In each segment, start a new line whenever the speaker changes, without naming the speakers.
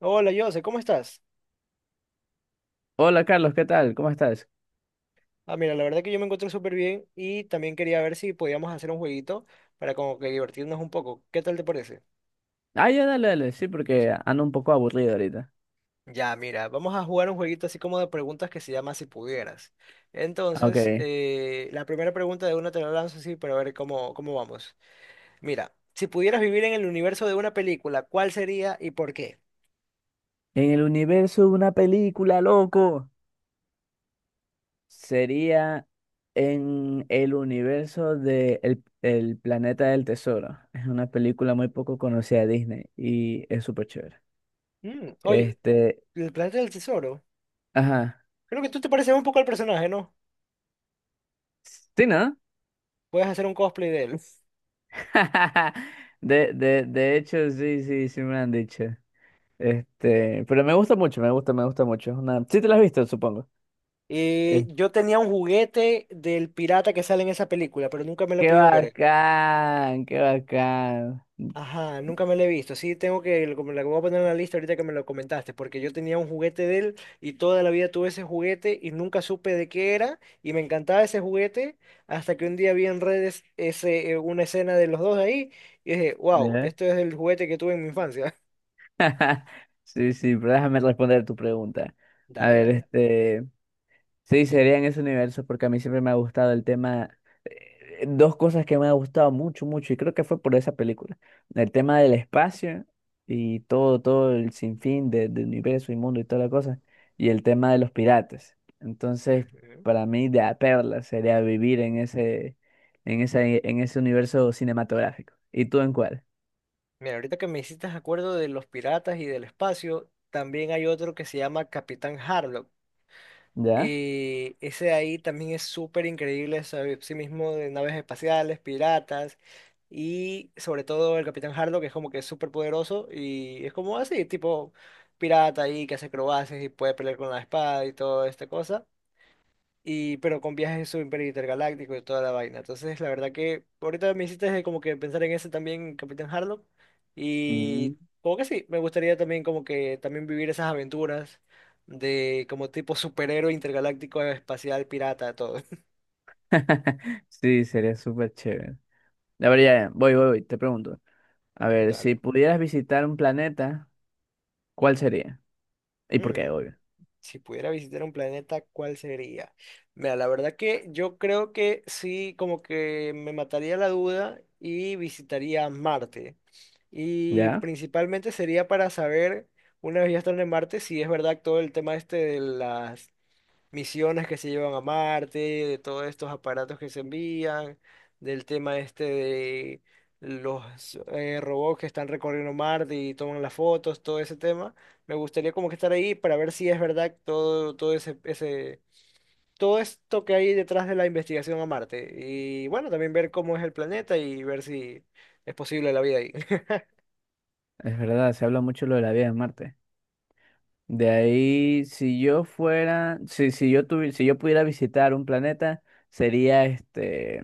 Hola, Jose, ¿cómo estás?
Hola Carlos, ¿qué tal? ¿Cómo estás?
Ah, mira, la verdad que yo me encuentro súper bien y también quería ver si podíamos hacer un jueguito para como que divertirnos un poco. ¿Qué tal te parece?
Ah, ya, dale, dale, sí, porque ando un poco aburrido ahorita.
Ya, mira, vamos a jugar un jueguito así como de preguntas que se llama Si pudieras.
Ah, ok.
Entonces,
En
la primera pregunta de una te la lanzo así para ver cómo, cómo vamos. Mira, si pudieras vivir en el universo de una película, ¿cuál sería y por qué?
el universo de una película, loco, sería en el universo de El Planeta del Tesoro. Es una película muy poco conocida de Disney y es súper chévere.
Mm, oye,
Este,
el planeta del tesoro.
ajá.
Creo que tú te pareces un poco al personaje, ¿no?
Sí, ¿no?
Puedes hacer un cosplay de él.
De hecho, sí, me han dicho. Este, pero me gusta mucho, me gusta mucho. Es una Sí te la has visto, supongo.
Yo tenía un juguete del pirata que sale en esa película, pero nunca me lo he
Qué
podido ver.
bacán, qué bacán.
Ajá, nunca me lo he visto. Sí, tengo que, lo como la voy a poner en la lista ahorita que me lo comentaste, porque yo tenía un juguete de él y toda la vida tuve ese juguete y nunca supe de qué era y me encantaba ese juguete hasta que un día vi en redes ese, una escena de los dos ahí y dije, wow,
¿Eh?
esto es el juguete que tuve en mi infancia.
Sí, sí, pero déjame responder tu pregunta. A
Dale,
ver,
dale.
este. Sí, sería en ese universo porque a mí siempre me ha gustado el tema, dos cosas que me ha gustado mucho, mucho, y creo que fue por esa película, el tema del espacio y todo, todo el sinfín del universo y mundo y toda la cosa, y el tema de los piratas. Entonces,
Ujú.
para mí, de a perla sería vivir en ese, en ese, en ese universo cinematográfico. ¿Y tú en cuál?
Mira, ahorita que me hiciste acuerdo de los piratas y del espacio, también hay otro que se llama Capitán Harlock.
¿Ya?
Y ese de ahí también es súper increíble sobre sí mismo de naves espaciales, piratas y sobre todo el Capitán Harlock, que es como que es súper poderoso y es como así, tipo pirata ahí que hace acrobacias y puede pelear con la espada y toda esta cosa y pero con viajes super intergalácticos y toda la vaina. Entonces, la verdad que ahorita me hiciste como que pensar en ese también, Capitán Harlock,
Mm.
y como que sí, me gustaría también como que también vivir esas aventuras de como tipo superhéroe intergaláctico espacial pirata, todo.
Sí, sería súper chévere. A ver, ya, voy, voy, voy, te pregunto. A ver, si
Dale.
pudieras visitar un planeta, ¿cuál sería? ¿Y por qué,
Hmm,
obvio?
si pudiera visitar un planeta, ¿cuál sería? Mira, la verdad que yo creo que sí, como que me mataría la duda y visitaría Marte. Y
¿Ya?
principalmente sería para saber, una vez ya están en Marte, si es verdad todo el tema este de las misiones que se llevan a Marte, de todos estos aparatos que se envían, del tema este de los robots que están recorriendo Marte y toman las fotos, todo ese tema. Me gustaría como que estar ahí para ver si es verdad todo, todo ese, ese, todo esto que hay detrás de la investigación a Marte. Y bueno, también ver cómo es el planeta y ver si es posible la vida ahí.
Es verdad, se habla mucho lo de la vida en Marte. De ahí, si yo fuera, si, si yo pudiera visitar un planeta, sería este,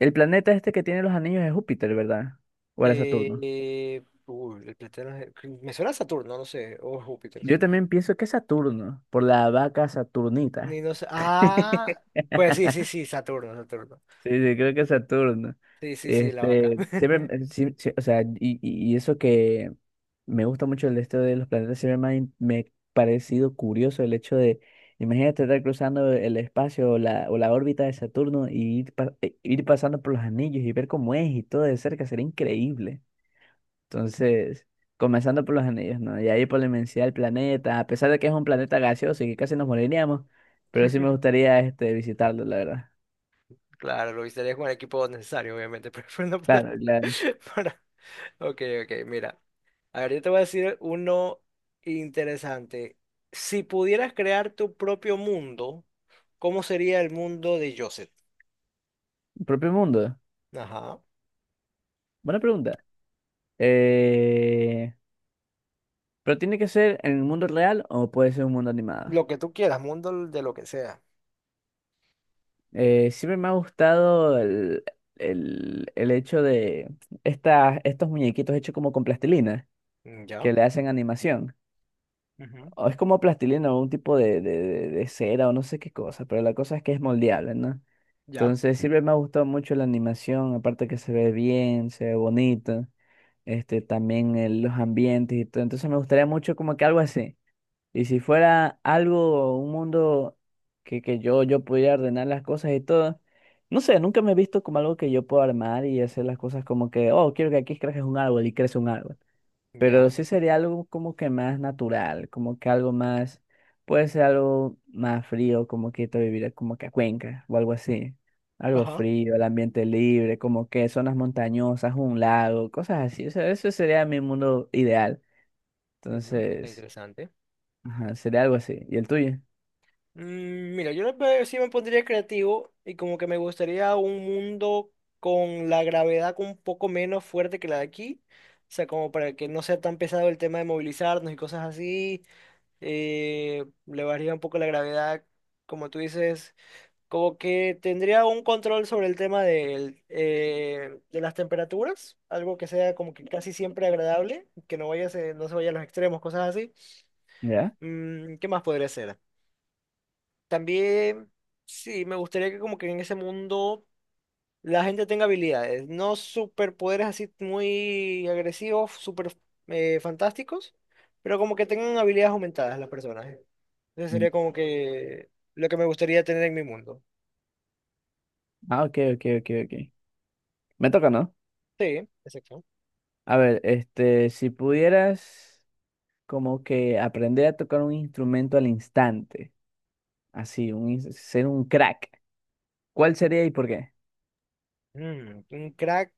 el planeta este que tiene los anillos de Júpiter, ¿verdad? ¿O era Saturno?
Uy, el planeta de los- me suena a Saturno, no sé, o Júpiter.
Yo también pienso que es Saturno, por la vaca Saturnita.
Ni no sé. Ah, pues sí, sí, sí, Saturno, Saturno.
Sí, sí, creo que Saturno.
Sí, sí, sí, la vaca.
Este, siempre, sí, sí, o sea, y, y eso que me gusta mucho el esto de los planetas, siempre me ha, me ha parecido curioso el hecho de, imagínate estar cruzando el espacio o la órbita de Saturno y ir, ir pasando por los anillos y ver cómo es y todo de cerca, sería increíble. Entonces, comenzando por los anillos, ¿no? Y ahí por la inmensidad del planeta, a pesar de que es un planeta gaseoso y que casi nos moriríamos, pero sí me gustaría este, visitarlo, la verdad.
Claro, lo visitaría con el equipo necesario, obviamente, pero no para,
Claro.
para- Ok, ok, mira. A ver, yo te voy a decir uno interesante. Si pudieras crear tu propio mundo, ¿cómo sería el mundo de Joseph?
Propio mundo.
Ajá.
Buena pregunta. Eh, ¿Pero tiene que ser en el mundo real o puede ser un mundo animado?
Lo que tú quieras, mundo de lo que sea.
Siempre me ha gustado el hecho de estas estos muñequitos hechos como con plastilina,
Mm, ya.
que le hacen animación.
Ujú.
O es como plastilina o un tipo de cera o no sé qué cosa, pero la cosa es que es moldeable, ¿no?
Ya.
Entonces siempre me ha gustado mucho la animación, aparte que se ve bien, se ve bonito, este, también los ambientes y todo. Entonces me gustaría mucho como que algo así. Y si fuera algo, un mundo que, yo pudiera ordenar las cosas y todo, no sé, nunca me he visto como algo que yo puedo armar y hacer las cosas como que, oh, quiero que aquí crezca un árbol y crece un árbol. Pero
Ya.
sí sería algo como que más natural, como que algo más, puede ser algo más frío, como que te viviría como que a Cuenca o algo así. Algo
Ajá.
frío, el ambiente libre, como que zonas montañosas, un lago, cosas así. O sea, eso sería mi mundo ideal.
Ujú, está
Entonces,
interesante.
ajá, sería algo así. ¿Y el tuyo?
Mm, mira, yo la verdad sí me pondría creativo y como que me gustaría un mundo con la gravedad un poco menos fuerte que la de aquí. O sea, como para que no sea tan pesado el tema de movilizarnos y cosas así. Le bajaría un poco la gravedad, como tú dices. Como que tendría un control sobre el tema del, de las temperaturas. Algo que sea como que casi siempre agradable, que no vaya, a ser- no se vaya a los extremos, cosas así.
¿Ya?
Mm, ¿qué más podría ser? También, sí, me gustaría que como que en ese mundo la gente tenga habilidades, no superpoderes así muy agresivos, super fantásticos, pero como que tengan habilidades aumentadas las personas. ¿Eh? Eso
Mm.
sería como que lo que me gustaría tener en mi mundo.
Ah, ok, ok, ok, ok. Me toca, ¿no?
Sí, exacto.
A ver, este, si pudieras como que aprender a tocar un instrumento al instante, así, ser un crack, ¿cuál sería y por qué?
Mm, un crack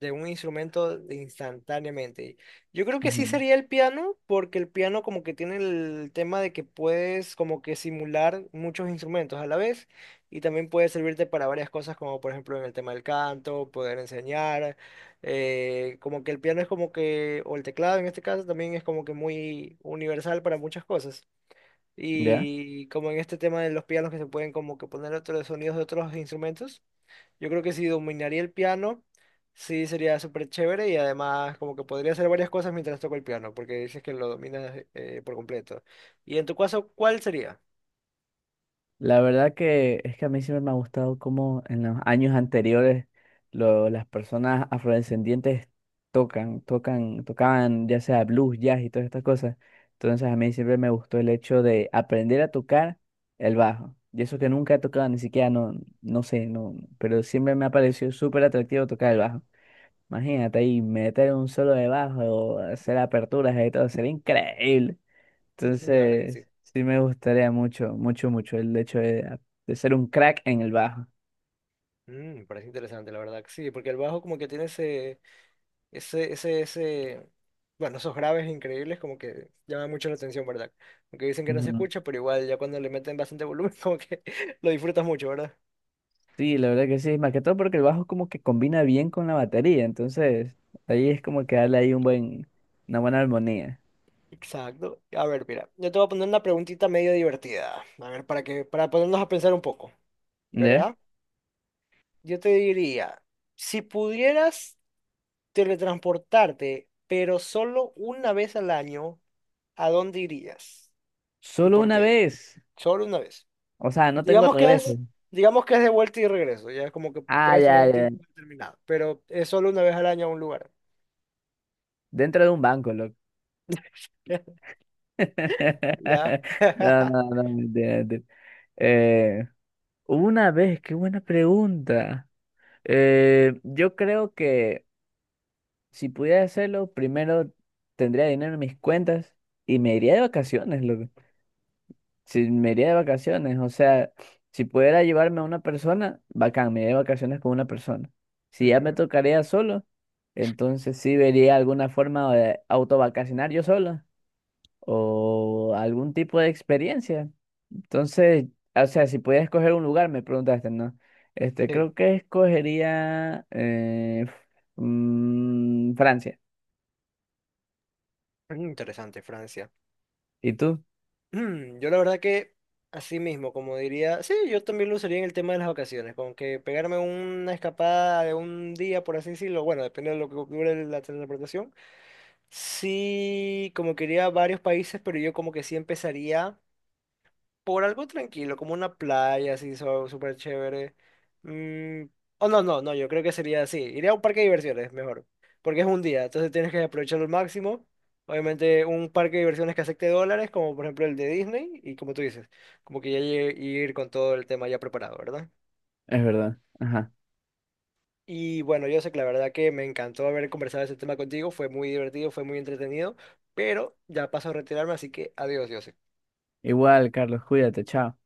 de un instrumento instantáneamente. Yo creo que sí
Ujú.
sería el piano, porque el piano como que tiene el tema de que puedes como que simular muchos instrumentos a la vez y también puede servirte para varias cosas, como por ejemplo en el tema del canto, poder enseñar, como que el piano es como que, o el teclado en este caso también es como que muy universal para muchas cosas.
¿Ya?
Y como en este tema de los pianos que se pueden como que poner otros sonidos de otros instrumentos. Yo creo que si dominaría el piano, sí sería súper chévere y además como que podría hacer varias cosas mientras toco el piano, porque dices que lo dominas por completo. Y en tu caso, ¿cuál sería?
La verdad que es que a mí siempre me ha gustado cómo en los años anteriores las personas afrodescendientes tocaban ya sea blues, jazz y todas estas cosas. Entonces a mí siempre me gustó el hecho de aprender a tocar el bajo. Y eso que nunca he tocado, ni siquiera, no, no sé, no, pero siempre me ha parecido súper atractivo tocar el bajo. Imagínate ahí meter un solo de bajo, hacer aperturas y todo, sería increíble.
La verdad que sí.
Entonces, sí me gustaría mucho, mucho, mucho el hecho de ser un crack en el bajo.
Mm, me parece interesante, la verdad que sí, porque el bajo como que tiene ese, ese, bueno, esos graves increíbles como que llaman mucho la atención, ¿verdad? Aunque dicen que no se
Ujú.
escucha, pero igual ya cuando le meten bastante volumen como que lo disfrutas mucho, ¿verdad?
Sí, la verdad que sí, más que todo porque el bajo como que combina bien con la batería, entonces ahí es como que darle ahí un buen, una buena armonía.
Exacto. A ver, mira, yo te voy a poner una preguntita medio divertida. A ver, para que, para ponernos a pensar un poco,
¿Ya?
¿verdad? Yo te diría, si pudieras teletransportarte, pero solo una vez al año, ¿a dónde irías? ¿Y
Solo
por
una
qué?
vez,
Solo una vez.
o sea, no tengo
Digamos que
regreso.
es, digamos que es de vuelta y regreso, ya como que
Ah,
puedes tener
ya,
un
ya,
tiempo determinado, pero es solo una vez al año a un lugar.
dentro de un banco, loco.
¿Ya?
No, no, no, mentira, mentira. Eh, una vez, qué buena pregunta. Yo creo que Si pudiera hacerlo, primero tendría dinero en mis cuentas y me iría de vacaciones, loco. Si me iría de vacaciones, o sea, si pudiera llevarme a una persona, bacán, me iría de vacaciones con una persona. Si ya me
Ujú.
tocaría solo, entonces sí vería alguna forma de autovacacionar yo solo o algún tipo de experiencia. Entonces, o sea, si pudiera escoger un lugar, me preguntaste, ¿no? Este,
Sí,
creo que escogería mm, Francia.
interesante, Francia.
¿Y tú?
Mm, yo la verdad que así mismo, como diría, sí, yo también lo usaría en el tema de las vacaciones, como que pegarme una escapada de un día, por así decirlo, bueno, depende de lo que dure la transportación. Sí, como quería varios países, pero yo como que sí empezaría por algo tranquilo, como una playa así so- súper chévere. Mm, oh, no, no, no, yo creo que sería así. Iría a un parque de diversiones, mejor. Porque es un día, entonces tienes que aprovecharlo al máximo. Obviamente, un parque de diversiones que acepte dólares, como por ejemplo el de Disney, y como tú dices, como que ya lle- ir con todo el tema ya preparado, ¿verdad?
Es verdad. Ajá.
Y bueno, yo sé que la verdad que me encantó haber conversado ese tema contigo, fue muy divertido, fue muy entretenido, pero ya paso a retirarme, así que adiós, yo
Igual, Carlos, cuídate, chao.